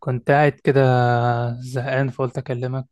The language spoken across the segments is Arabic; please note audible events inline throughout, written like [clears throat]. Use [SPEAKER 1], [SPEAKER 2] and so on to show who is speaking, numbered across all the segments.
[SPEAKER 1] كنت قاعد كده، زهقان، فقلت أكلمك.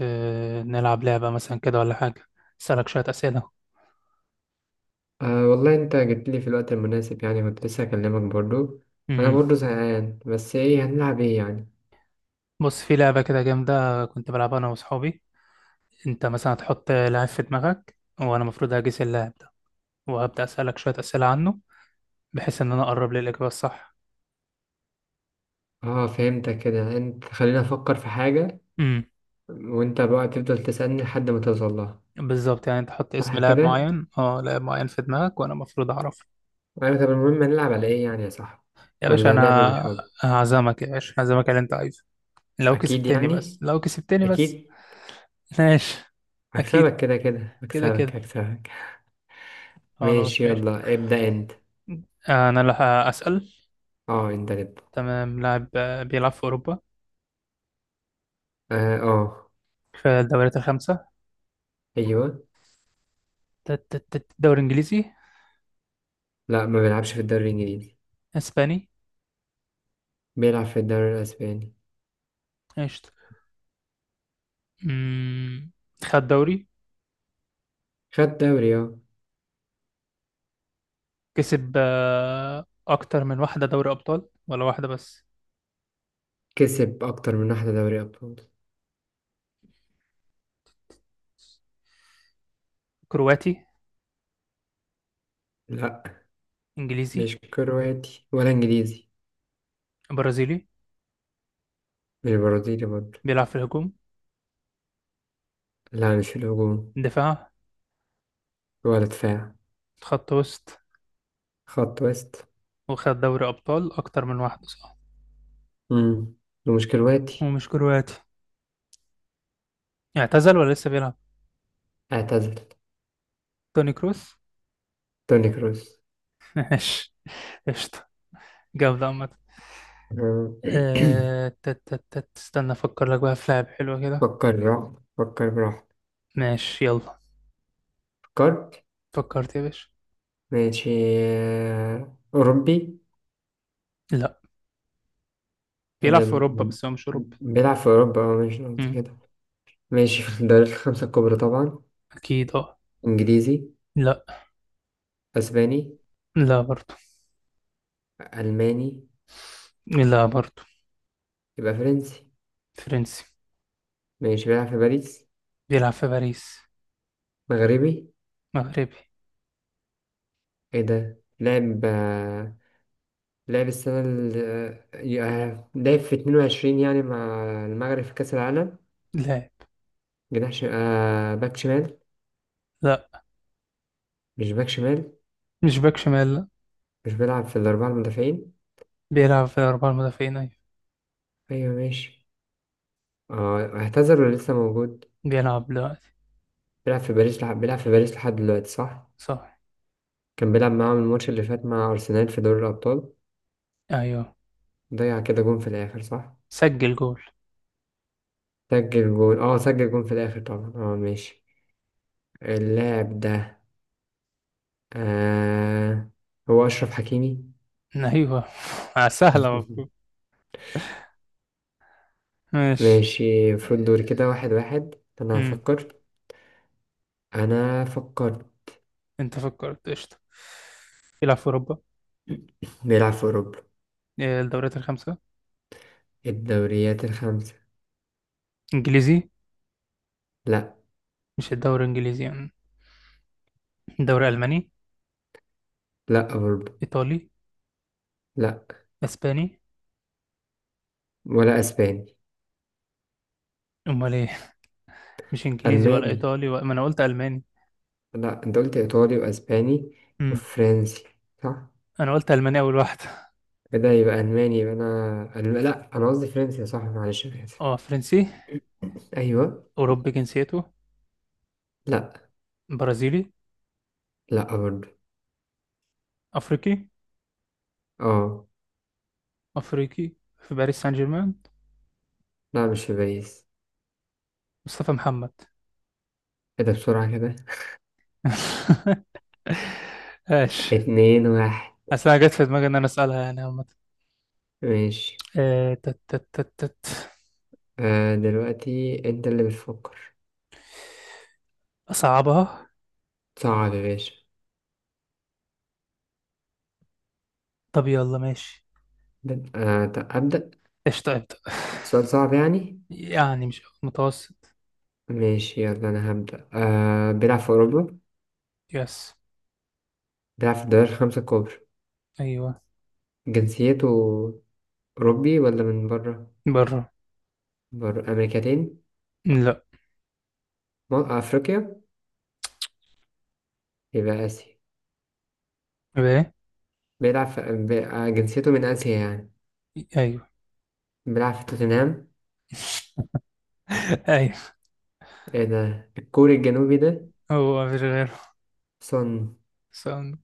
[SPEAKER 1] نلعب لعبة مثلا كده ولا حاجة، أسألك شوية أسئلة.
[SPEAKER 2] أه والله انت جيت لي في الوقت المناسب يعني كنت لسه هكلمك برضو. انا
[SPEAKER 1] مم.
[SPEAKER 2] برضو زهقان، بس ايه هنلعب ايه يعني؟
[SPEAKER 1] بص، في لعبة كده جامدة كنت بلعبها أنا وأصحابي. أنت مثلا هتحط لاعب في دماغك وأنا المفروض هجيس اللاعب ده، وهبدأ أسألك شوية أسئلة عنه، بحيث إن أنا أقرب للإجابة الصح.
[SPEAKER 2] اه فهمتك كده، انت خلينا افكر في حاجة
[SPEAKER 1] مم.
[SPEAKER 2] وانت بقى تفضل تسألني لحد ما توصل لها،
[SPEAKER 1] بالظبط، يعني أنت حط اسم
[SPEAKER 2] صح
[SPEAKER 1] لاعب
[SPEAKER 2] كده؟
[SPEAKER 1] معين أه لاعب معين في دماغك وأنا المفروض أعرفه.
[SPEAKER 2] ايوه طب المهم هنلعب على ايه يعني يا صاحبي،
[SPEAKER 1] يا باشا
[SPEAKER 2] ولا لعبة
[SPEAKER 1] أنا،
[SPEAKER 2] بالحب؟
[SPEAKER 1] هعزمك يا باشا، هعزمك على اللي أنت عايزه، لو
[SPEAKER 2] اكيد
[SPEAKER 1] كسبتني بس،
[SPEAKER 2] يعني،
[SPEAKER 1] لو كسبتني بس.
[SPEAKER 2] اكيد.
[SPEAKER 1] [laughs] ماشي.
[SPEAKER 2] هكسبك
[SPEAKER 1] أكيد
[SPEAKER 2] كده كده،
[SPEAKER 1] كده
[SPEAKER 2] هكسبك
[SPEAKER 1] كده.
[SPEAKER 2] هكسبك. [laughs]
[SPEAKER 1] خلاص
[SPEAKER 2] ماشي،
[SPEAKER 1] ماشي،
[SPEAKER 2] يلا ابدأ انت.
[SPEAKER 1] انا اللي هسأل.
[SPEAKER 2] اه انت اللي ابدأ.
[SPEAKER 1] تمام، لاعب بيلعب في اوروبا،
[SPEAKER 2] اه اه.
[SPEAKER 1] في الدوريات الخمسة.
[SPEAKER 2] ايوه.
[SPEAKER 1] دوري انجليزي؟
[SPEAKER 2] لا، ما بيلعبش في الدوري الانجليزي.
[SPEAKER 1] اسباني؟
[SPEAKER 2] بيلعب في الدوري الاسباني.
[SPEAKER 1] قشطة. مم، خد دوري.
[SPEAKER 2] خد دوري اه.
[SPEAKER 1] كسب اكتر من واحدة دوري ابطال ولا واحدة بس؟
[SPEAKER 2] كسب أكتر من واحدة دوري أبطال.
[SPEAKER 1] كرواتي؟
[SPEAKER 2] لأ.
[SPEAKER 1] انجليزي؟
[SPEAKER 2] مش كرواتي ولا إنجليزي.
[SPEAKER 1] برازيلي؟
[SPEAKER 2] مش برازيلي برضه.
[SPEAKER 1] بيلعب في الهجوم؟
[SPEAKER 2] لا مش في الهجوم.
[SPEAKER 1] دفاع؟
[SPEAKER 2] ولا دفاع.
[SPEAKER 1] خط وسط؟
[SPEAKER 2] خط وسط.
[SPEAKER 1] وخد دوري ابطال اكتر من واحدة، صح؟
[SPEAKER 2] مم. ومش كرواتي.
[SPEAKER 1] ومش كرواتي. اعتزل ولا لسه بيلعب؟
[SPEAKER 2] اعتزل.
[SPEAKER 1] توني كروس.
[SPEAKER 2] توني كروس.
[SPEAKER 1] [laughs] ماشي، قشطة، جامدة عامة.
[SPEAKER 2] آه.
[SPEAKER 1] آه، تت تت تت استنى افكر لك بقى في لعب حلوة
[SPEAKER 2] [clears throat]
[SPEAKER 1] كده.
[SPEAKER 2] فكر براحتك، فكر براحتك.
[SPEAKER 1] ماشي يلا.
[SPEAKER 2] فكرت.
[SPEAKER 1] فكرت يا باشا.
[SPEAKER 2] ماشي. أوروبي.
[SPEAKER 1] لا،
[SPEAKER 2] إيه
[SPEAKER 1] بيلعب
[SPEAKER 2] ده
[SPEAKER 1] في اوروبا
[SPEAKER 2] ب-
[SPEAKER 1] بس هو مش اوروبي.
[SPEAKER 2] بيلعب في أوروبا اه، ماشي قصدي
[SPEAKER 1] مم.
[SPEAKER 2] كده. ماشي في الدوريات الخمسة الكبرى طبعا.
[SPEAKER 1] اكيد اه.
[SPEAKER 2] إنجليزي.
[SPEAKER 1] لا.
[SPEAKER 2] أسباني.
[SPEAKER 1] لا برضو.
[SPEAKER 2] ألماني.
[SPEAKER 1] لا برضو.
[SPEAKER 2] يبقى فرنسي.
[SPEAKER 1] فرنسي.
[SPEAKER 2] ماشي، بيلعب في باريس.
[SPEAKER 1] بيلعب في باريس.
[SPEAKER 2] مغربي.
[SPEAKER 1] مغربي.
[SPEAKER 2] ايه ده، لعب لعب السنة ال آه، آه، لعب في 22 يعني مع المغرب في كأس العالم.
[SPEAKER 1] لاعب.
[SPEAKER 2] جناح ش... آه باك شمال.
[SPEAKER 1] لا،
[SPEAKER 2] مش باك شمال.
[SPEAKER 1] مش باك شمال، لا.
[SPEAKER 2] مش بيلعب في الأربعة المدافعين.
[SPEAKER 1] بيلعب في اربعة المدافعين، ايوه.
[SPEAKER 2] أيوة ماشي. آه، اعتذر ولا لسه موجود؟
[SPEAKER 1] بيلعب دلوقتي.
[SPEAKER 2] بيلعب في باريس لحد دلوقتي، صح؟
[SPEAKER 1] صح.
[SPEAKER 2] كان بيلعب معاهم الماتش اللي فات مع أرسنال في دوري الأبطال.
[SPEAKER 1] ايوه.
[SPEAKER 2] ضيع كده جون في الآخر، صح؟
[SPEAKER 1] سجل جول.
[SPEAKER 2] سجل جون اه، سجل جون في الآخر طبعا اه، ماشي. اللاعب ده آه، هو أشرف حكيمي.
[SPEAKER 1] ايوه. [laughs] سهلة المفروض.
[SPEAKER 2] [laughs]
[SPEAKER 1] ماشي.
[SPEAKER 2] ماشي، المفروض دوري
[SPEAKER 1] آه.
[SPEAKER 2] كده واحد واحد. أنا
[SPEAKER 1] مم.
[SPEAKER 2] هفكر. أنا فكرت.
[SPEAKER 1] انت فكرت، قشطة. بيلعب في اوروبا.
[SPEAKER 2] بيلعب في أوروبا.
[SPEAKER 1] الدوريات الخمسة.
[SPEAKER 2] الدوريات الخمسة.
[SPEAKER 1] انجليزي؟
[SPEAKER 2] لأ.
[SPEAKER 1] مش الدوري الانجليزي يعني. الدوري الماني؟
[SPEAKER 2] لأ أوروبا.
[SPEAKER 1] ايطالي؟
[SPEAKER 2] لأ.
[SPEAKER 1] اسباني؟
[SPEAKER 2] ولا أسباني.
[SPEAKER 1] امال ايه؟ مش انجليزي ولا
[SPEAKER 2] ألماني.
[SPEAKER 1] ايطالي ما انا قلت الماني.
[SPEAKER 2] لأ، أنت قلت إيطالي وأسباني
[SPEAKER 1] امم.
[SPEAKER 2] وفرنسي، صح؟
[SPEAKER 1] انا قلت الماني اول واحد.
[SPEAKER 2] إيه ده، يبقى ألماني، لأ أنا قصدي فرنسي، صح؟ معلش أنا آسف.
[SPEAKER 1] اه فرنسي.
[SPEAKER 2] أيوه.
[SPEAKER 1] اوروبي جنسيته؟
[SPEAKER 2] لأ.
[SPEAKER 1] برازيلي؟
[SPEAKER 2] لأ برضه.
[SPEAKER 1] افريقي.
[SPEAKER 2] أه.
[SPEAKER 1] افريقي في باريس سان جيرمان؟
[SPEAKER 2] لأ، مش في باريس.
[SPEAKER 1] مصطفى محمد؟
[SPEAKER 2] إيه ده بسرعة كده.
[SPEAKER 1] [laughs]
[SPEAKER 2] [laughs]
[SPEAKER 1] ماشي.
[SPEAKER 2] اتنين واحد.
[SPEAKER 1] اصل انا جت في دماغي ان انا اسالها يعني عامه.
[SPEAKER 2] ماشي.
[SPEAKER 1] آه، تت تت تت تت.
[SPEAKER 2] آه دلوقتي انت اللي بتفكر.
[SPEAKER 1] اصعبها.
[SPEAKER 2] صعب يا باشا.
[SPEAKER 1] طب يلا ماشي.
[SPEAKER 2] طب أبدأ.
[SPEAKER 1] قشطه ابدا. [laughs]
[SPEAKER 2] سؤال صعب يعني.
[SPEAKER 1] يعني مش متوسط.
[SPEAKER 2] ماشي يلا أنا هبدأ. آه، بيلعب في أوروبا.
[SPEAKER 1] يس.
[SPEAKER 2] بيلعب في الدوري الخمسة الكبرى.
[SPEAKER 1] ايوه.
[SPEAKER 2] جنسيته أوروبي ولا من بره؟
[SPEAKER 1] بره.
[SPEAKER 2] بره أمريكتين.
[SPEAKER 1] لا.
[SPEAKER 2] أفريقيا. يبقى آسيا.
[SPEAKER 1] بايه؟
[SPEAKER 2] بيلعب في جنسيته من آسيا يعني.
[SPEAKER 1] ايوه.
[SPEAKER 2] بيلعب في توتنهام.
[SPEAKER 1] [laughs] ايوه.
[SPEAKER 2] ايه ده، الكوري الجنوبي ده.
[SPEAKER 1] هو مفيش غيره.
[SPEAKER 2] صن.
[SPEAKER 1] ساوند.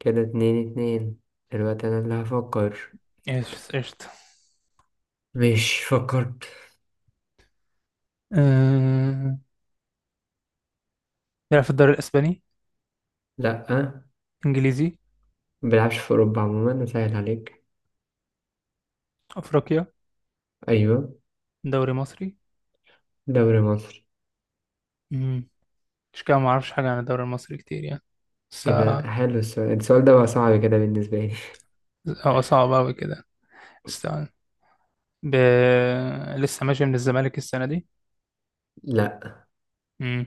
[SPEAKER 2] كده اتنين اتنين. دلوقتي أنا اللي هفكر.
[SPEAKER 1] ايش قشطة.
[SPEAKER 2] مش فكرت.
[SPEAKER 1] أه... بيلعب في الدوري الاسباني؟
[SPEAKER 2] لأ،
[SPEAKER 1] انجليزي؟
[SPEAKER 2] ما بيلعبش في أوروبا عموما، أسهل عليك.
[SPEAKER 1] افريقيا؟
[SPEAKER 2] أيوة.
[SPEAKER 1] دوري مصري.
[SPEAKER 2] دوري مصر.
[SPEAKER 1] امم. مش كده، ما اعرفش حاجه عن الدوري المصري كتير يعني، بس.
[SPEAKER 2] إيه ده حلو السؤال، السؤال ده بقى صعب كده بالنسبة لي.
[SPEAKER 1] هو صعب اوي كده. استنى. ب... لسه ماشي من الزمالك السنه دي؟
[SPEAKER 2] [laughs] لأ.
[SPEAKER 1] امم.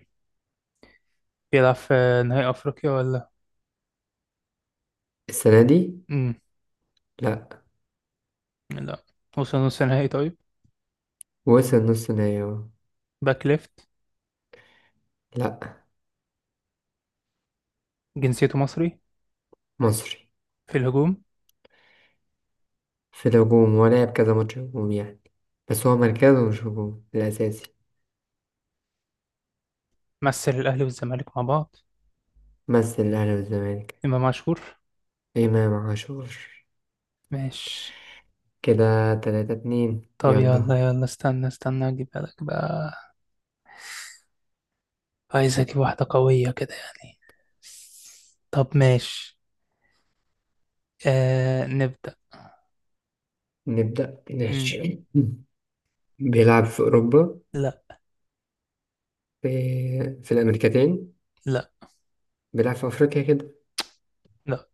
[SPEAKER 1] بيلعب في نهائي افريقيا ولا؟
[SPEAKER 2] السنة دي.
[SPEAKER 1] امم.
[SPEAKER 2] لأ.
[SPEAKER 1] لا. وصل نص نهائي، طيب.
[SPEAKER 2] وصل نص نهائي أهو.
[SPEAKER 1] باك ليفت؟
[SPEAKER 2] لأ.
[SPEAKER 1] جنسيته مصري.
[SPEAKER 2] مصري.
[SPEAKER 1] في الهجوم.
[SPEAKER 2] في الهجوم. هو لعب كذا ماتش هجوم يعني، بس هو مركزه مش هجوم الأساسي.
[SPEAKER 1] مثل الأهلي والزمالك مع بعض.
[SPEAKER 2] مثل الأهلي والزمالك.
[SPEAKER 1] إمام عاشور.
[SPEAKER 2] إمام عاشور.
[SPEAKER 1] ماشي.
[SPEAKER 2] كده تلاتة اتنين،
[SPEAKER 1] طب يلا
[SPEAKER 2] يلا.
[SPEAKER 1] يلا، استنى استنى أجيبها لك بقى. عايز أجيب واحدة قوية كده يعني. طب ماشي. آه نبدأ.
[SPEAKER 2] نبدأ
[SPEAKER 1] مم.
[SPEAKER 2] ماشي. [clears throat] بيلعب في أوروبا.
[SPEAKER 1] لا.
[SPEAKER 2] في, في الأمريكتين.
[SPEAKER 1] لا.
[SPEAKER 2] بيلعب في أفريقيا كده.
[SPEAKER 1] لا.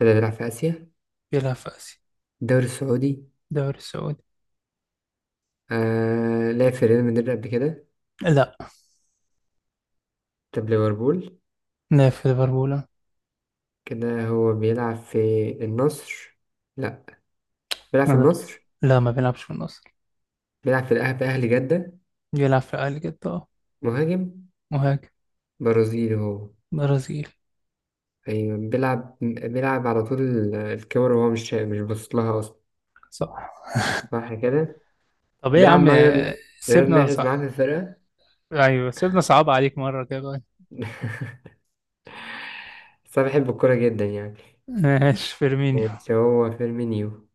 [SPEAKER 2] كده بيلعب في آسيا.
[SPEAKER 1] بيلعب في آسيا.
[SPEAKER 2] الدوري السعودي.
[SPEAKER 1] دوري السعودي.
[SPEAKER 2] آه لعب في ريال مدريد قبل كده.
[SPEAKER 1] لا.
[SPEAKER 2] طب ليفربول.
[SPEAKER 1] لا في ليفربول.
[SPEAKER 2] كده هو بيلعب في النصر. لا. بيلعب
[SPEAKER 1] ما
[SPEAKER 2] في
[SPEAKER 1] بي-
[SPEAKER 2] النصر.
[SPEAKER 1] لا، ما بيلعبش في النصر.
[SPEAKER 2] بيلعب في الأهلي، أهلي جدة.
[SPEAKER 1] بيلعب في أهلي جدة، اه.
[SPEAKER 2] مهاجم.
[SPEAKER 1] مهاجم.
[SPEAKER 2] برازيلي هو.
[SPEAKER 1] برازيل.
[SPEAKER 2] أيوة، بيلعب على طول الكاميرا وهو مش باصص لها أصلا،
[SPEAKER 1] صح.
[SPEAKER 2] صح كده.
[SPEAKER 1] طب ايه يا
[SPEAKER 2] بيلعب
[SPEAKER 1] عم
[SPEAKER 2] مع ريال، رياض
[SPEAKER 1] سيبنا
[SPEAKER 2] محرز معاه في
[SPEAKER 1] صح؟
[SPEAKER 2] الفرقة.
[SPEAKER 1] ايوه سيبنا، صعب عليك مرة كده.
[SPEAKER 2] [laughs] بس أنا بحب الكورة جدا يعني.
[SPEAKER 1] ماشي، فيرمينيو.
[SPEAKER 2] ماشي، هو فيرمينيو.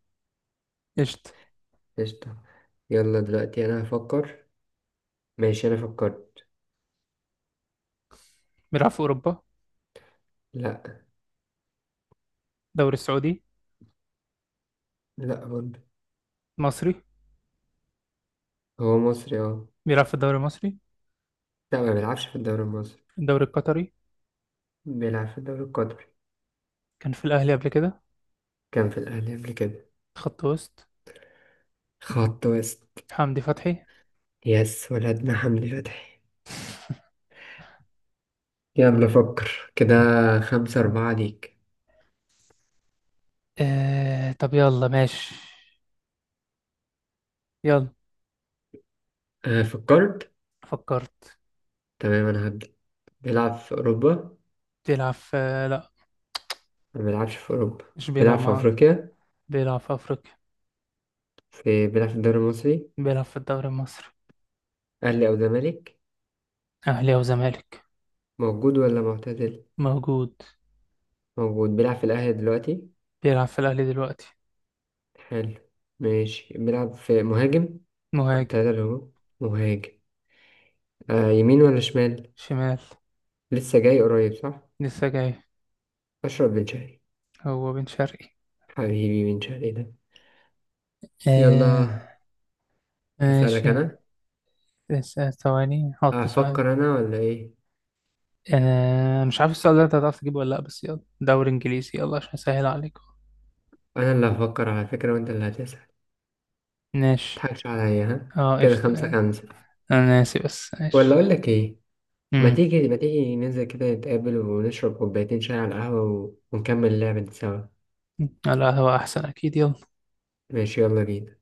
[SPEAKER 1] قشطة.
[SPEAKER 2] قشطة. يلا دلوقتي أنا هفكر. ماشي أنا فكرت.
[SPEAKER 1] بيلعب في أوروبا؟
[SPEAKER 2] لا.
[SPEAKER 1] الدوري السعودي؟
[SPEAKER 2] لا برضه.
[SPEAKER 1] مصري.
[SPEAKER 2] هو مصري اه.
[SPEAKER 1] بيلعب في الدوري المصري؟
[SPEAKER 2] لا، ما بيلعبش في الدوري المصري.
[SPEAKER 1] الدوري القطري.
[SPEAKER 2] بيلعب في الدوري القطري.
[SPEAKER 1] كان في الأهلي قبل كده.
[SPEAKER 2] كان في الأهلي قبل كده.
[SPEAKER 1] خط وسط.
[SPEAKER 2] خط وسط.
[SPEAKER 1] حمدي فتحي.
[SPEAKER 2] يس، ولدنا حمدي فتحي. يلا فكر كده، خمسة أربعة ليك.
[SPEAKER 1] آه طب يلا ماشي. يلا.
[SPEAKER 2] آه فكرت.
[SPEAKER 1] فكرت.
[SPEAKER 2] تمام أنا هبدأ. بيلعب في أوروبا.
[SPEAKER 1] بيلعب في. لا،
[SPEAKER 2] ما بيلعبش في أوروبا.
[SPEAKER 1] مش بيلعب
[SPEAKER 2] بيلعب في
[SPEAKER 1] مع.
[SPEAKER 2] أفريقيا.
[SPEAKER 1] بيلعب في أفريقيا.
[SPEAKER 2] بيلعب في الدوري المصري.
[SPEAKER 1] بيلعب في الدوري المصري.
[SPEAKER 2] أهلي أو زمالك.
[SPEAKER 1] أهلي أو زمالك.
[SPEAKER 2] موجود ولا معتزل.
[SPEAKER 1] موجود.
[SPEAKER 2] موجود. بيلعب في الأهلي دلوقتي.
[SPEAKER 1] بيلعب في الأهلي دلوقتي.
[SPEAKER 2] حلو. ماشي بيلعب في مهاجم.
[SPEAKER 1] مهاجم.
[SPEAKER 2] التلاتة اللي هو مهاجم. آه يمين ولا شمال.
[SPEAKER 1] شمال.
[SPEAKER 2] لسه جاي قريب، صح.
[SPEAKER 1] لسه جاي.
[SPEAKER 2] اشرب من شهري.
[SPEAKER 1] هو بن شرقي.
[SPEAKER 2] حبيبي من شهري ده.
[SPEAKER 1] آه.
[SPEAKER 2] يلا. اسالك
[SPEAKER 1] ماشي.
[SPEAKER 2] انا.
[SPEAKER 1] لسه ثواني، حط سؤال.
[SPEAKER 2] افكر انا ولا ايه؟
[SPEAKER 1] مش عارف السؤال ده انت هتعرف تجيبه ولا لا، بس يلا دوري انجليزي يلا عشان اسهل عليكم.
[SPEAKER 2] انا اللي هفكر على فكره، وانت اللي هتسال.
[SPEAKER 1] ماشي،
[SPEAKER 2] متضحكش عليا ها.
[SPEAKER 1] اه
[SPEAKER 2] كده
[SPEAKER 1] قشطة
[SPEAKER 2] خمسة
[SPEAKER 1] يعني.
[SPEAKER 2] خمسة.
[SPEAKER 1] انا ناسي بس
[SPEAKER 2] ولا
[SPEAKER 1] ماشي.
[SPEAKER 2] اقول لك ايه، ما
[SPEAKER 1] امم.
[SPEAKER 2] تيجي ما تيجي ننزل كده نتقابل ونشرب كوبايتين شاي على القهوه ونكمل اللعبه دي سوا.
[SPEAKER 1] لا هو احسن اكيد، يلا.
[SPEAKER 2] ماشي يلا بينا.